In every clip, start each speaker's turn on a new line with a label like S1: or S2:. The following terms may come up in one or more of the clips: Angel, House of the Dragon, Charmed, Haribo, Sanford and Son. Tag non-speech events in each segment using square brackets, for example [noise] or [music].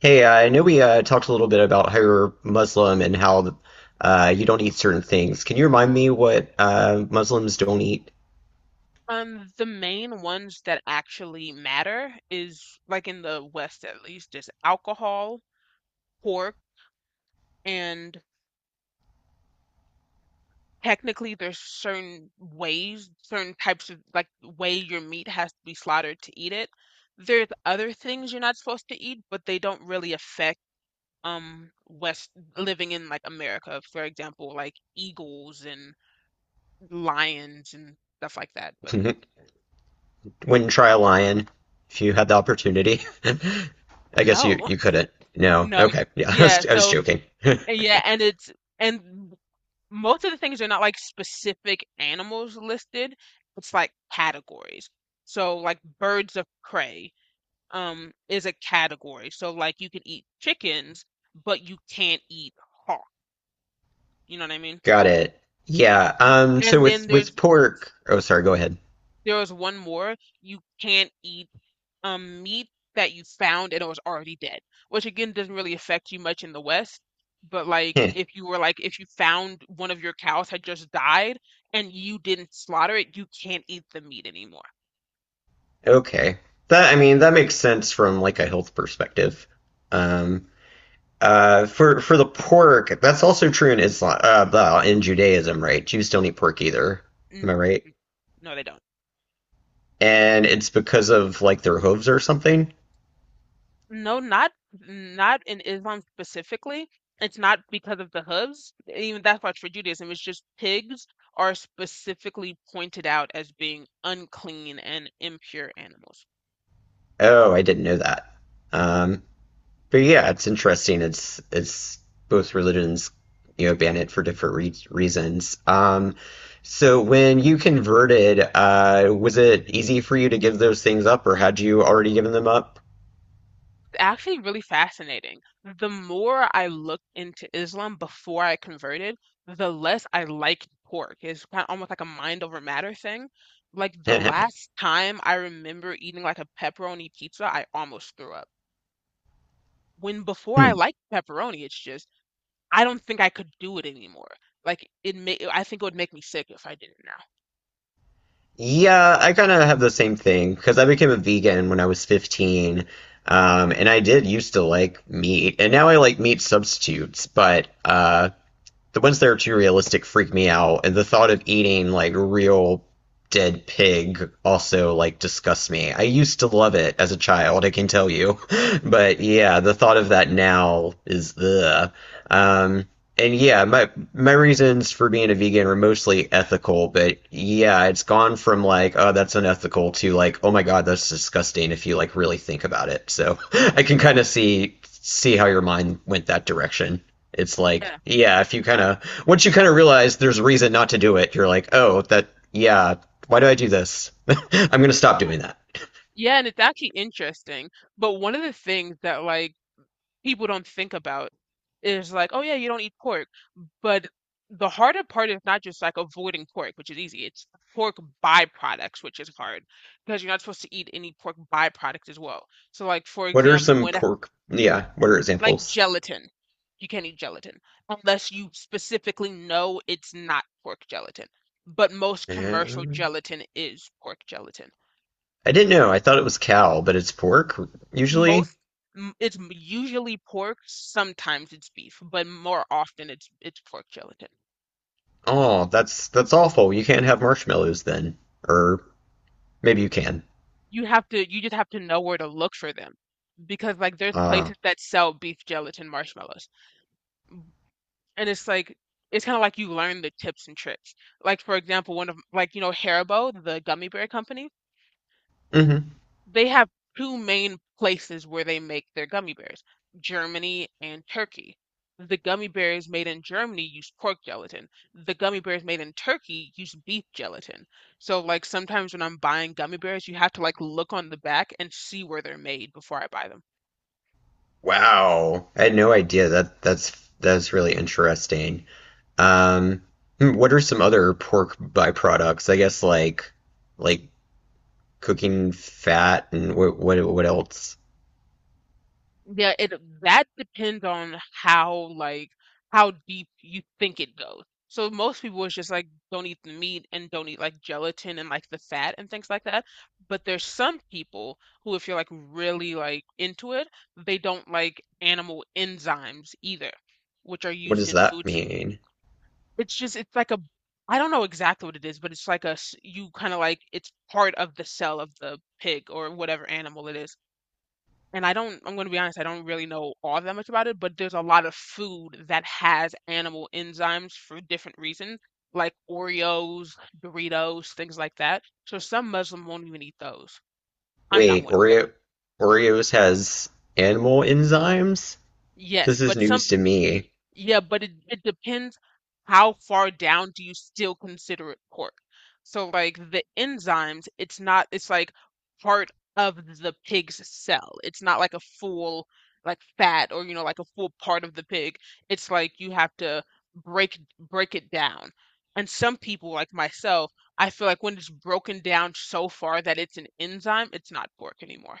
S1: Hey, I know we talked a little bit about how you're Muslim and how you don't eat certain things. Can you remind me what Muslims don't eat?
S2: The main ones that actually matter is, like, in the West at least, is alcohol, pork, and technically there's certain ways, certain types of, like, way your meat has to be slaughtered to eat it. There's other things you're not supposed to eat, but they don't really affect West, living in like America, for example, like eagles and lions and stuff like that. But
S1: [laughs] Wouldn't try a lion if you had the opportunity. [laughs] I guess you,
S2: no,
S1: you couldn't.
S2: [laughs]
S1: No.
S2: no,
S1: Okay. Yeah, [laughs] I
S2: yeah,
S1: was, I was
S2: so
S1: joking.
S2: yeah, and it's and most of the things are not like specific animals listed. It's like categories. So like birds of prey is a category. So like you can eat chickens, but you can't eat hawk. You know what I mean?
S1: [laughs] Got it. Yeah. So
S2: And then
S1: with pork. Oh, sorry. Go ahead.
S2: there was one more. You can't eat meat that you found and it was already dead, which again doesn't really affect you much in the West. But
S1: [laughs]
S2: like
S1: Heh.
S2: if you were like if you found one of your cows had just died and you didn't slaughter it, you can't eat the meat anymore.
S1: Okay. That I mean that makes sense from like a health perspective. Um. For the pork, that's also true in Islam, well, in Judaism, right? Jews don't eat pork either. Am
S2: N-
S1: I right?
S2: No, they don't.
S1: And it's because of like their hooves or something.
S2: No, not in Islam specifically. It's not because of the hooves. Even that's why it's for Judaism. It's just pigs are specifically pointed out as being unclean and impure animals.
S1: Oh, I didn't know that. Um, but yeah, it's interesting. It's both religions, you know, ban it for different re reasons. So when you converted, was it easy for you to give those things up, or had you already given them up?
S2: Actually, really fascinating. The more I looked into Islam before I converted, the less I liked pork. It's kind of almost like a mind over matter thing. Like the
S1: [laughs]
S2: last time I remember eating like a pepperoni pizza, I almost threw up. When before I liked pepperoni, it's just I don't think I could do it anymore. Like it may, I think it would make me sick if I did it now.
S1: Yeah, I kind of have the same thing because I became a vegan when I was 15. And I did used to like meat, and now I like meat substitutes, but the ones that are too realistic freak me out. And the thought of eating like real dead pig also like disgusts me. I used to love it as a child, I can tell you. [laughs] But yeah, the thought of that now is ugh. Um, and yeah, my reasons for being a vegan were mostly ethical, but yeah, it's gone from like, oh, that's unethical to like, oh my God, that's disgusting if you like really think about it. So [laughs] I can kind of see how your mind went that direction. It's like,
S2: Yeah,
S1: yeah, if you kind of once you kind of realize there's a reason not to do it, you're like, oh, that yeah, why do I do this? [laughs] I'm gonna stop
S2: yeah.
S1: doing that.
S2: Yeah, and it's actually interesting. But one of the things that like people don't think about is like, oh yeah, you don't eat pork. But the harder part is not just like avoiding pork, which is easy. It's pork byproducts, which is hard because you're not supposed to eat any pork byproduct as well. So, like, for
S1: What are
S2: example,
S1: some pork? Yeah, what are
S2: like
S1: examples?
S2: gelatin, you can't eat gelatin unless you specifically know it's not pork gelatin. But most commercial
S1: Yeah.
S2: gelatin is pork gelatin.
S1: I didn't know. I thought it was cow, but it's pork
S2: Most
S1: usually.
S2: it's usually pork, sometimes it's beef, but more often it's pork gelatin.
S1: Oh, that's awful. You can't have marshmallows then. Or maybe you can.
S2: You have to you just have to know where to look for them because like there's
S1: Uh,
S2: places that sell beef gelatin marshmallows, and it's like it's kind of like you learn the tips and tricks. Like, for example, one of, like, you know Haribo, the gummy bear company,
S1: mhm.
S2: they have two main places where they make their gummy bears: Germany and Turkey. The gummy bears made in Germany use pork gelatin, the gummy bears made in Turkey use beef gelatin. So like sometimes when I'm buying gummy bears, you have to like look on the back and see where they're made before I buy them.
S1: Wow. I had no idea that that's really interesting. Um, hmm, what are some other pork byproducts? I guess like cooking fat and what what else?
S2: Yeah, it that depends on how like how deep you think it goes. So most people is just like don't eat the meat and don't eat like gelatin and like the fat and things like that. But there's some people who, if you're like really like into it, they don't like animal enzymes either, which are
S1: What
S2: used
S1: does
S2: in
S1: that
S2: foods.
S1: mean?
S2: It's just it's like a I don't know exactly what it is, but it's like a you kind of like it's part of the cell of the pig or whatever animal it is, and I don't, I'm going to be honest, I don't really know all that much about it, but there's a lot of food that has animal enzymes for different reasons, like Oreos, Doritos, things like that. So some Muslim won't even eat those. I'm not
S1: Wait,
S2: one of them.
S1: Oreos has animal enzymes?
S2: Yes,
S1: This is
S2: but some.
S1: news to me.
S2: Yeah, but it depends how far down do you still consider it pork. So like the enzymes, it's not it's like part of the pig's cell. It's not like a full like fat or you know like a full part of the pig. It's like you have to break it down. And some people like myself, I feel like when it's broken down so far that it's an enzyme, it's not pork anymore.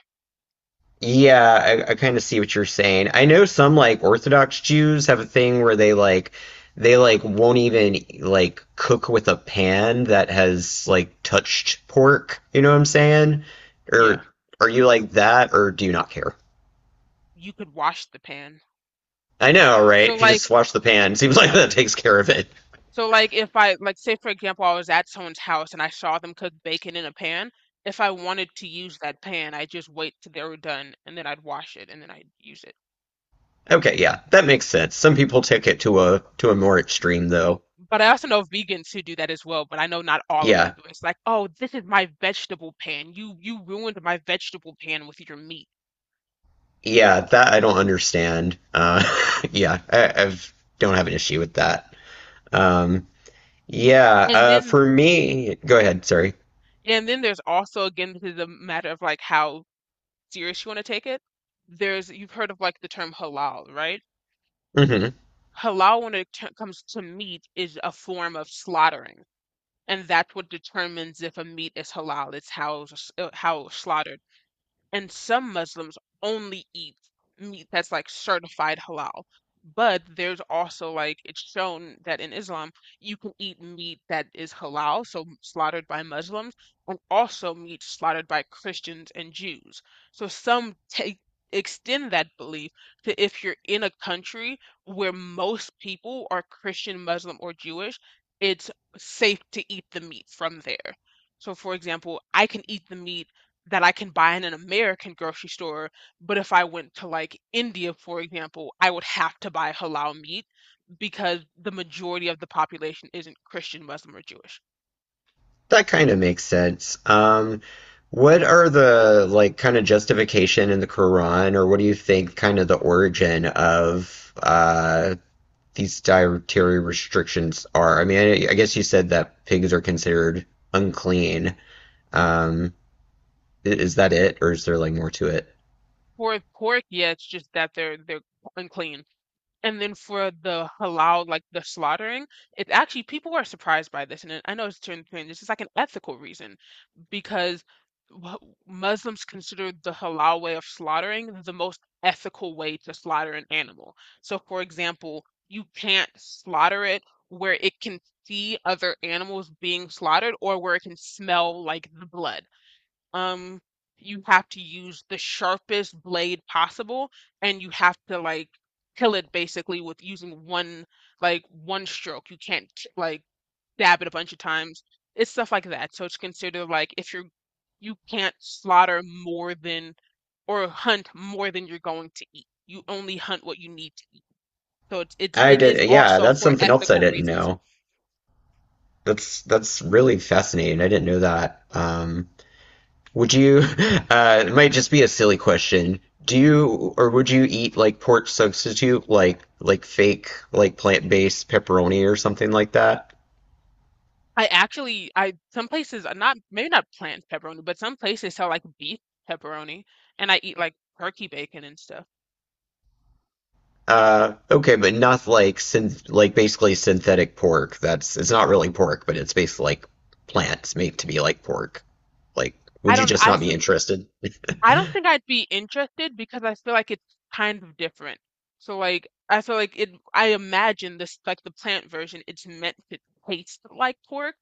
S1: Yeah, I kind of see what you're saying. I know some like Orthodox Jews have a thing where they like won't even like cook with a pan that has like touched pork. You know what I'm saying?
S2: Yeah.
S1: Or are you like that, or do you not care?
S2: You could wash the pan.
S1: I know, right?
S2: So
S1: If you
S2: like
S1: just wash the pan, seems [laughs] like that takes care of it.
S2: So like if I like say for example I was at someone's house and I saw them cook bacon in a pan, if I wanted to use that pan, I just wait till they were done and then I'd wash it and then I'd use it.
S1: Okay, yeah, that makes sense. Some people take it to a more
S2: Mm.
S1: extreme though.
S2: But I also know vegans who do that as well, but I know not all of them
S1: Yeah,
S2: do it. It's like, "Oh, this is my vegetable pan. You ruined my vegetable pan with your meat."
S1: yeah, that I don't understand. [laughs] Yeah, I've don't have an issue with that. Um, Yeah,
S2: And
S1: for
S2: then
S1: me, go ahead, sorry.
S2: and then there's also, again, this is a matter of like how serious you want to take it. There's you've heard of like the term halal, right?
S1: Hmm.
S2: Halal when it comes to meat is a form of slaughtering, and that's what determines if a meat is halal, it's how it's, how it's slaughtered. And some Muslims only eat meat that's like certified halal. But there's also like it's shown that in Islam you can eat meat that is halal, so slaughtered by Muslims, and also meat slaughtered by Christians and Jews. So some take extend that belief to if you're in a country where most people are Christian, Muslim, or Jewish, it's safe to eat the meat from there. So, for example, I can eat the meat that I can buy in an American grocery store. But if I went to like India, for example, I would have to buy halal meat because the majority of the population isn't Christian, Muslim, or Jewish.
S1: That kind of makes sense. What are the like kind of justification in the Quran, or what do you think kind of the origin of these dietary restrictions are? I mean, I guess you said that pigs are considered unclean. Um, is that it, or is there like more to it?
S2: For pork, yeah, it's just that they're unclean. And then for the halal, like the slaughtering, it's actually people are surprised by this, and I know it's turned strange. It's just like an ethical reason because wh- Muslims consider the halal way of slaughtering the most ethical way to slaughter an animal. So, for example, you can't slaughter it where it can see other animals being slaughtered or where it can smell like the blood. um you have to use the sharpest blade possible, and you have to like kill it basically with using one like one stroke. You can't like dab it a bunch of times. It's stuff like that. So it's considered like if you're you can't slaughter more than or hunt more than you're going to eat. You only hunt what you need to eat. So it's
S1: I
S2: it is
S1: did, yeah,
S2: also
S1: that's
S2: for
S1: something else I
S2: ethical
S1: didn't
S2: reasons.
S1: know. That's really fascinating. I didn't know that. Would you, it might just be a silly question. Do you, or would you eat like pork substitute, like fake, like plant-based pepperoni or something like that?
S2: I some places are not maybe not plant pepperoni, but some places sell like beef pepperoni, and I eat like turkey bacon and stuff.
S1: Okay, but not like synth, like basically synthetic pork. That's it's not really pork, but it's basically like plants made to be like pork. Like,
S2: I
S1: would you
S2: don't
S1: just
S2: I
S1: not be
S2: feel
S1: interested?
S2: I don't think I'd be interested because I feel like it's kind of different. So like I feel like it I imagine this like the plant version it's meant to taste like pork,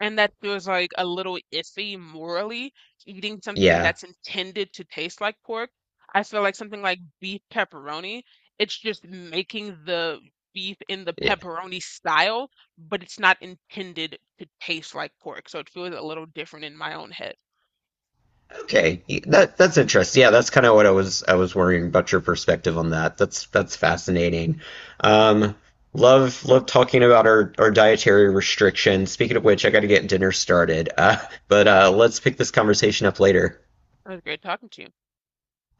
S2: and that feels like a little iffy morally, eating something
S1: Yeah.
S2: that's intended to taste like pork. I feel like something like beef pepperoni, it's just making the beef in the pepperoni style, but it's not intended to taste like pork. So it feels a little different in my own head.
S1: Okay, that's interesting. Yeah, that's kind of what I was worrying about your perspective on that. That's fascinating. Um, love talking about our dietary restrictions. Speaking of which, I got to get dinner started. But let's pick this conversation up later.
S2: It was great talking to you.